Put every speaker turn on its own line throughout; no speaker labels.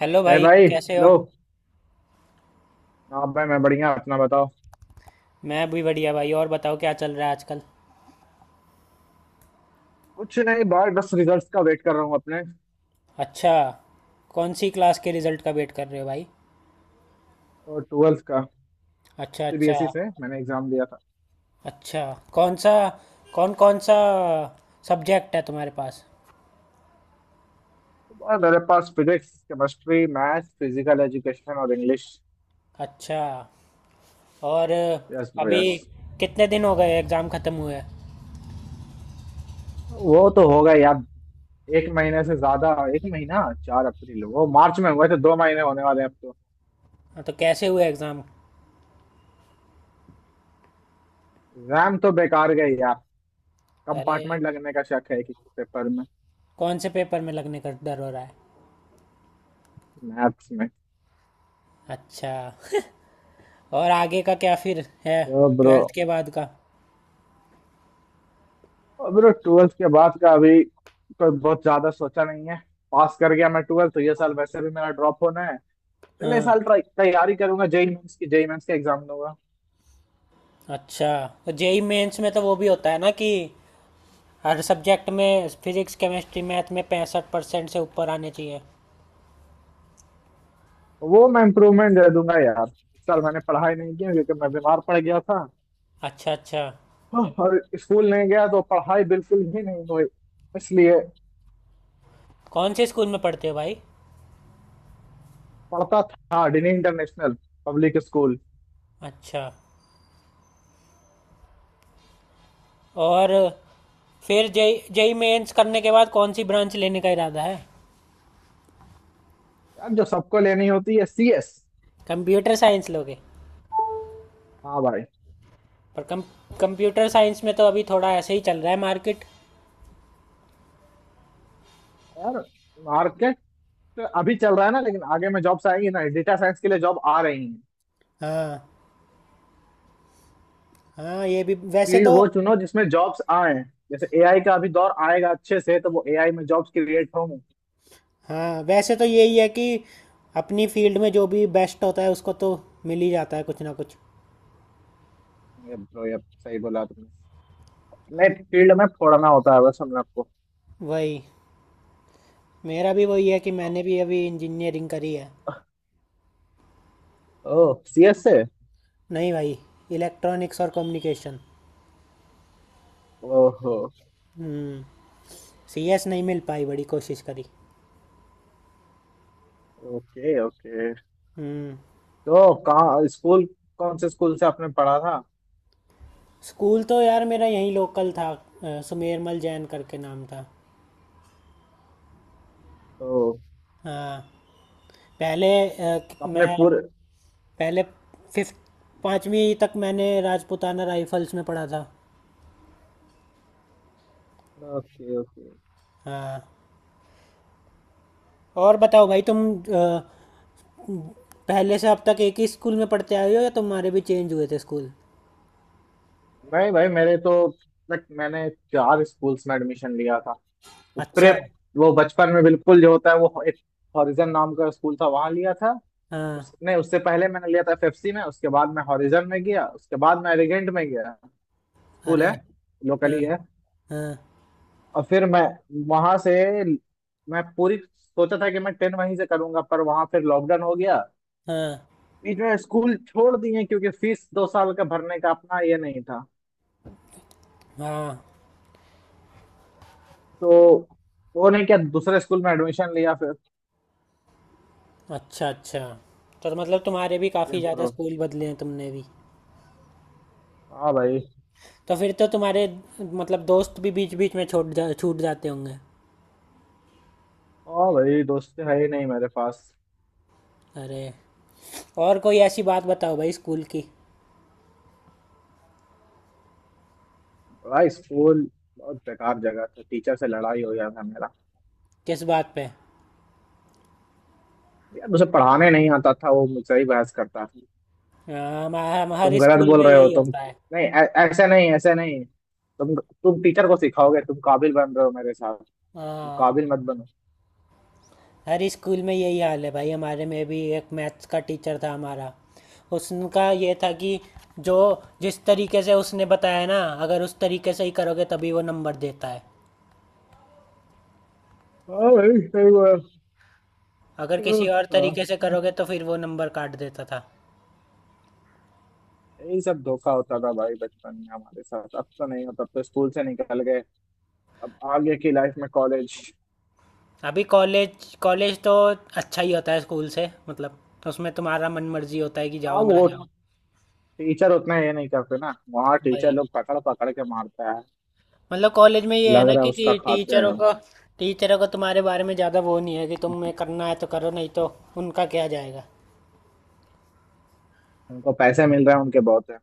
Hello
अरे
भाई,
भाई,
कैसे हो।
हेलो। हाँ भाई, मैं बढ़िया, अपना बताओ।
मैं भी बढ़िया भाई। और बताओ क्या चल रहा है आजकल।
कुछ नहीं भाई, बस रिजल्ट्स का वेट कर रहा हूँ अपने।
अच्छा। कौन सी क्लास के रिजल्ट का वेट कर रहे हो भाई।
और ट्वेल्थ का।
अच्छा, अच्छा।
सीबीएसई से मैंने एग्जाम दिया था।
अच्छा, कौन सा कौन कौन सा सब्जेक्ट है तुम्हारे पास।
तो बहुत, मेरे पास physics, chemistry, maths, physical education और इंग्लिश।
अच्छा। और?
यस ब्रो,
अभी
यस।
कितने दिन हो गए एग्ज़ाम ख़त्म हुए, हाँ?
वो तो होगा यार, एक महीने से ज्यादा। एक महीना, 4 अप्रैल, वो मार्च में हुए थे, 2 महीने होने वाले हैं अब तो।
तो कैसे हुए एग्ज़ाम।
एग्जाम तो बेकार गए यार।
अरे,
कंपार्टमेंट लगने का शक है, एक पेपर में।
कौन से पेपर में लगने का डर हो रहा है?
मैथ्स में।
अच्छा। और आगे का क्या फिर है?
Oh bro.
12th के बाद का?
और मेरा ट्वेल्थ के बाद का अभी कोई बहुत ज्यादा सोचा नहीं है। पास कर गया मैं ट्वेल्थ तो ये साल वैसे भी मेरा ड्रॉप होना है। अगले
हाँ।
साल ट्राई तैयारी करूंगा, जेई मेंस की, जेई मेंस का एग्जाम दूंगा।
अच्छा, तो जेई मेंस में तो वो भी होता है ना कि हर सब्जेक्ट में फिजिक्स केमिस्ट्री मैथ में 65% से ऊपर आने चाहिए।
वो मैं इम्प्रूवमेंट दे दूंगा यार। इस साल मैंने पढ़ाई नहीं की क्योंकि मैं बीमार पड़ गया था।
अच्छा, अच्छा।
और स्कूल नहीं गया तो पढ़ाई बिल्कुल भी नहीं हुई इसलिए।
कौन से स्कूल में पढ़ते हो भाई?
पढ़ता था डिनी इंटरनेशनल पब्लिक स्कूल।
अच्छा। और फिर जेई जेई मेंस करने के बाद कौन सी ब्रांच लेने का इरादा है?
यार जो सबको लेनी होती है, सीएस।
कंप्यूटर साइंस लोगे?
हाँ भाई।
पर कम, कंप्यूटर साइंस में तो अभी थोड़ा ऐसे ही चल रहा है मार्केट।
यार मार्केट तो अभी चल रहा है ना, लेकिन आगे में जॉब्स आएंगी ना, डेटा साइंस के लिए जॉब आ रही है।
हाँ, हाँ ये भी वैसे
फील्ड
तो।
वो चुनो जिसमें जॉब्स आए। जैसे एआई का अभी दौर आएगा अच्छे से, तो वो एआई में जॉब्स क्रिएट होंगे।
हाँ वैसे तो यही है कि अपनी फील्ड में जो भी बेस्ट होता है उसको तो मिल ही जाता है कुछ ना कुछ।
ये bro, ये सही बोला तुमने। नहीं, फील्ड में फोड़ना होता है बस, हम आपको।
वही, मेरा भी वही है कि मैंने भी अभी इंजीनियरिंग करी है।
ओह, सीएस से।
नहीं भाई, इलेक्ट्रॉनिक्स और कम्युनिकेशन।
ओहो।
हम्म। सी एस नहीं मिल पाई, बड़ी कोशिश करी।
Okay, okay.
हम्म।
तो कहाँ स्कूल, कौन से स्कूल से आपने पढ़ा था।
स्कूल तो यार मेरा यहीं लोकल था, सुमेरमल जैन करके नाम था।
तो
हाँ, पहले
अपने
मैं
पूरे।
पहले फिफ्थ पाँचवीं तक मैंने राजपूताना राइफल्स में पढ़ा था।
Okay, okay.
हाँ, और बताओ भाई तुम, पहले से अब तक एक ही स्कूल में पढ़ते आए हो या तुम्हारे भी चेंज हुए थे स्कूल?
नहीं भाई, मेरे तो, लाइक मैंने चार स्कूल्स में एडमिशन लिया था।
अच्छा।
प्रेप, वो बचपन में बिल्कुल जो होता है, वो एक हॉरिजन नाम का स्कूल था, वहां लिया था।
हाँ।
उसने, उससे पहले मैंने लिया था एफएफसी में, उसके बाद मैं हॉरिजन में गया, उसके बाद मैं एलिगेंट में गया। स्कूल
अरे,
है, लोकल
हाँ,
ही है।
हाँ,
और फिर मैं वहां से, मैं पूरी सोचा था कि मैं 10 वहीं से करूंगा, पर वहां फिर लॉकडाउन हो गया।
हाँ,
बीच में स्कूल छोड़ दिए क्योंकि फीस 2 साल का भरने का अपना ये नहीं था।
हाँ।
तो वो नहीं क्या, दूसरे स्कूल में एडमिशन लिया फिर।
अच्छा, अच्छा। तो मतलब तुम्हारे भी काफ़ी ज़्यादा स्कूल बदले हैं तुमने भी।
हाँ भाई।
तो फिर तो तुम्हारे, मतलब दोस्त भी बीच बीच में छोड़ जा छूट जाते होंगे।
हाँ भाई, दोस्त है ही नहीं मेरे पास।
अरे। और कोई ऐसी बात बताओ भाई स्कूल की।
भाई स्कूल बहुत बेकार जगह था, टीचर से लड़ाई हो गया था मेरा।
किस बात पे?
यार उसे पढ़ाने नहीं आता था, वो मुझसे ही बहस करता था।
हाँ,
तुम
हमारे
गलत
स्कूल
बोल
में
रहे हो
यही
तुम,
होता है।
नहीं ऐसे नहीं, ऐसे नहीं। तुम टीचर को सिखाओगे, तुम काबिल बन रहे हो मेरे साथ। तुम
हाँ,
काबिल मत बनो।
हर स्कूल में यही हाल है भाई। हमारे में भी एक मैथ्स का टीचर था हमारा, उसका ये था कि जो जिस तरीके से उसने बताया ना, अगर उस तरीके से ही करोगे तभी वो नंबर देता है।
हाँ भाई, सही बात।
अगर
हाँ,
किसी और
हाँ।
तरीके से करोगे तो फिर वो नंबर काट देता था।
यही सब धोखा होता था भाई बचपन में हमारे साथ, अब तो नहीं होता, अब तो स्कूल से निकल गए। अब आगे की लाइफ में कॉलेज।
अभी कॉलेज, कॉलेज तो अच्छा ही होता है स्कूल से। मतलब उसमें तुम्हारा मन मर्जी होता है कि जाओ
अब
ना
वो
जाओ।
टीचर उतना ये नहीं करते ना, वहाँ
भाई,
टीचर लोग पकड़ पकड़ के मारता है।
मतलब कॉलेज में ये है
लग
ना
रहा है
कि,
उसका
कि
खाते
टीचरों
हैं।
को, टीचरों को तुम्हारे बारे में ज़्यादा वो नहीं है कि तुम्हें करना है तो करो, नहीं तो उनका क्या जाएगा।
उनको पैसे मिल रहे हैं, उनके बहुत है।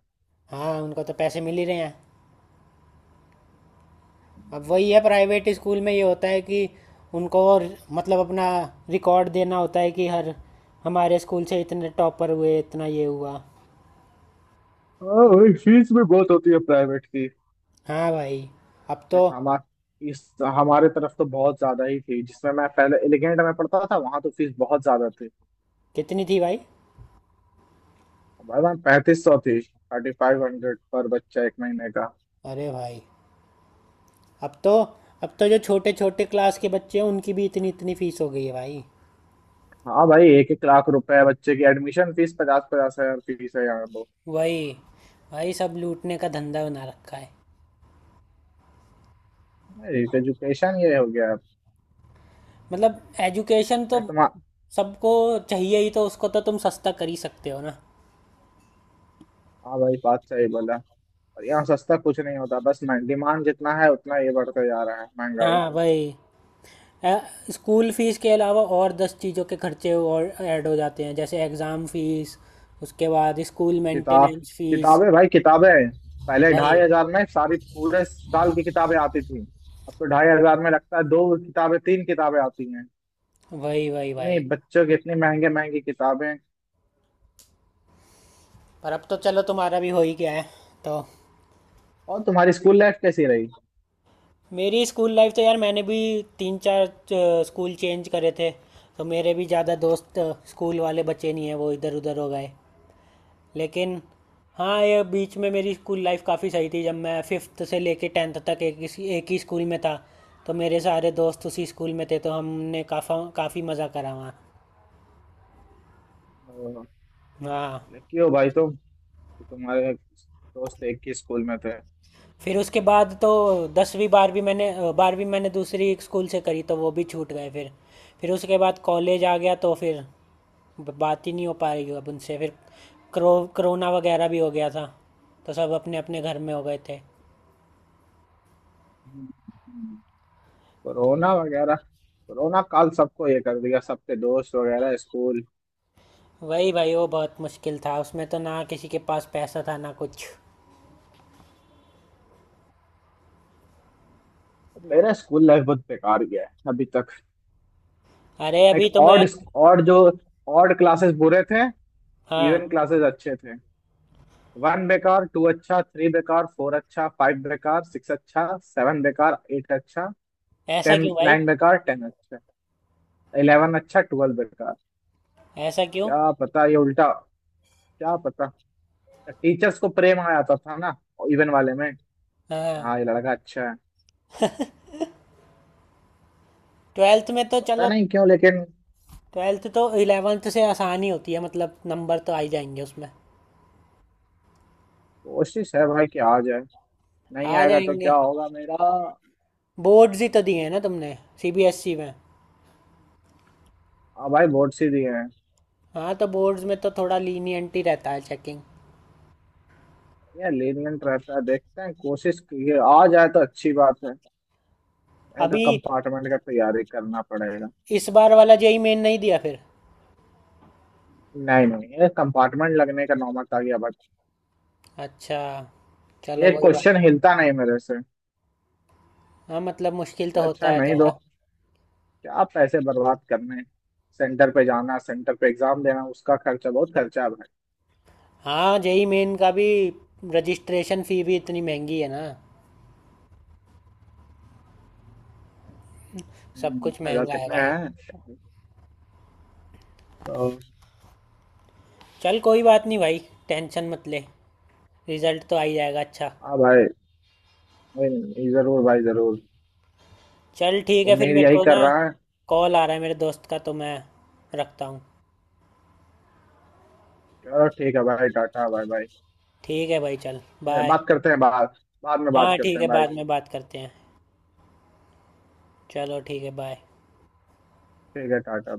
हाँ, उनको तो पैसे मिल ही रहे हैं। अब वही है, प्राइवेट स्कूल में ये होता है कि उनको और, मतलब अपना रिकॉर्ड देना होता है कि हर, हमारे स्कूल से इतने टॉपर हुए इतना ये हुआ।
हाँ वही, फीस भी बहुत होती है प्राइवेट की।
हाँ भाई, अब
लाइक
तो।
इस हमारे तरफ तो बहुत ज्यादा ही थी, जिसमें मैं पहले एलिगेंट में पढ़ता था, वहां तो फीस बहुत ज्यादा थी।
कितनी थी भाई?
भाई वहाँ 3,500 थी, 3,500 पर बच्चा एक महीने का।
अरे भाई, अब तो, अब तो जो छोटे छोटे क्लास के बच्चे हैं उनकी भी इतनी इतनी फीस हो गई है भाई।
हाँ भाई, एक एक लाख रुपए है बच्चे की एडमिशन फीस, पचास पचास हजार फीस है यहाँ तो।
वही भाई, सब लूटने का धंधा बना रखा है।
एजुकेशन ये हो गया
मतलब एजुकेशन तो
है तुम।
सबको चाहिए ही, तो उसको तो तुम सस्ता कर ही सकते हो ना।
हाँ भाई, बात सही बोला। और यहाँ सस्ता कुछ नहीं होता बस, मैं डिमांड जितना है उतना ये बढ़ता जा रहा है, महंगाई।
हाँ भाई, अ, स्कूल फीस के अलावा और 10 चीज़ों के खर्चे और ऐड हो जाते हैं, जैसे एग्ज़ाम फीस, उसके बाद स्कूल
किताब,
मेंटेनेंस फीस।
किताबें भाई, किताबें। पहले
वही,
2,500 में सारी पूरे साल की किताबें आती थी। अब तो 2,500 में लगता है दो किताबें, तीन किताबें आती हैं।
वही, वही,
इतनी
वही।
बच्चों की इतनी महंगे महंगी किताबें।
पर अब तो चलो तुम्हारा भी हो ही गया है तो।
और तुम्हारी स्कूल लाइफ कैसी रही?
मेरी स्कूल लाइफ तो यार मैंने भी तीन चार स्कूल चेंज करे थे, तो मेरे भी ज़्यादा दोस्त, स्कूल वाले बचे नहीं हैं, वो इधर उधर हो गए। लेकिन हाँ, ये बीच में मेरी स्कूल लाइफ काफ़ी सही थी जब मैं फिफ्थ से लेके 10th तक एक ही स्कूल में था। तो मेरे सारे दोस्त उसी स्कूल में थे तो हमने काफ़ा काफ़ी मज़ा करा वहाँ।
अ,
हाँ,
लकी हो भाई तुम कि तुम्हारे दोस्त एक ही स्कूल में थे।
फिर उसके बाद तो दसवीं बारहवीं मैंने अ, 12वीं मैंने दूसरी एक स्कूल से करी, तो वो भी छूट गए फिर। फिर उसके बाद कॉलेज आ गया तो फिर बात ही नहीं हो पा रही अब उनसे। फिर करो कोरोना वगैरह भी हो गया था, तो सब अपने अपने घर में हो गए थे।
हम्म। कोरोना वगैरह, कोरोना काल सबको ये कर दिया, सबके दोस्त वगैरह, स्कूल।
वही भाई, वो बहुत मुश्किल था, उसमें तो ना किसी के पास पैसा था ना कुछ।
मेरा स्कूल लाइफ बहुत बेकार गया है अभी तक।
अरे,
एक
अभी तो मैं,
ऑड ऑड जो ऑड क्लासेस बुरे थे,
हाँ।
इवन क्लासेस अच्छे थे। वन बेकार, टू अच्छा, थ्री बेकार, फोर अच्छा, फाइव बेकार, सिक्स अच्छा, सेवन बेकार, एट अच्छा।
ऐसा
टेन
क्यों भाई?
नाइन बेकार, 10 अच्छा, 11 अच्छा, 12 बेकार।
ऐसा क्यों?
क्या पता, ये उल्टा, क्या पता। टीचर्स को प्रेम आ जाता था ना, इवन वाले में।
हाँ,
हाँ, ये लड़का अच्छा है।
12th में तो
पता
चलो,
नहीं क्यों, लेकिन
12th तो 11th से आसान ही होती है। मतलब नंबर तो आ ही जाएंगे उसमें।
कोशिश है भाई कि आ जाए। नहीं
आ
आएगा तो क्या
जाएंगे।
होगा मेरा।
बोर्ड्स ही तो दिए हैं ना तुमने, सीबीएसई में?
हाँ भाई, बहुत सी दिए हैं।
हाँ, तो बोर्ड्स में तो थोड़ा लीनियंट ही रहता है चेकिंग।
ये lenient रहता है, देखते हैं कोशिश की है। आ जाए तो अच्छी बात है। ये तो
अभी
कंपार्टमेंट का तैयारी करना पड़ेगा।
इस बार वाला जेई मेन नहीं दिया फिर?
नहीं नहीं, ये कंपार्टमेंट लगने का नौबत आ गया बट।
अच्छा, चलो
ये
कोई बात
क्वेश्चन
नहीं।
हिलता नहीं मेरे से।
हाँ मतलब मुश्किल
इससे
तो होता
अच्छा
है
नहीं दो,
थोड़ा।
क्या पैसे बर्बाद करने। सेंटर पे जाना, सेंटर पे एग्जाम देना, उसका खर्चा, बहुत खर्चा है भाई।
हाँ, जेई मेन का भी रजिस्ट्रेशन फी भी इतनी महंगी है ना। सब कुछ
हजार
महंगा है
कितने
भाई।
हैं। तो,
चल कोई बात नहीं भाई, टेंशन मत ले, रिजल्ट तो आ ही जाएगा अच्छा।
हाँ भाई। नहीं, नहीं, जरूर भाई, जरूर।
चल ठीक है, फिर
उम्मीद
मेरे
यही
को
कर
ना
रहा है।
कॉल आ रहा है मेरे दोस्त का, तो मैं रखता हूँ।
चलो ठीक है भाई, टाटा, बाय बाय।
ठीक है भाई, चल बाय।
बात करते हैं बाद बाद में बात
हाँ
करते
ठीक है,
हैं भाई।
बाद में बात करते हैं। चलो ठीक है बाय।
ठीक है, टाटा।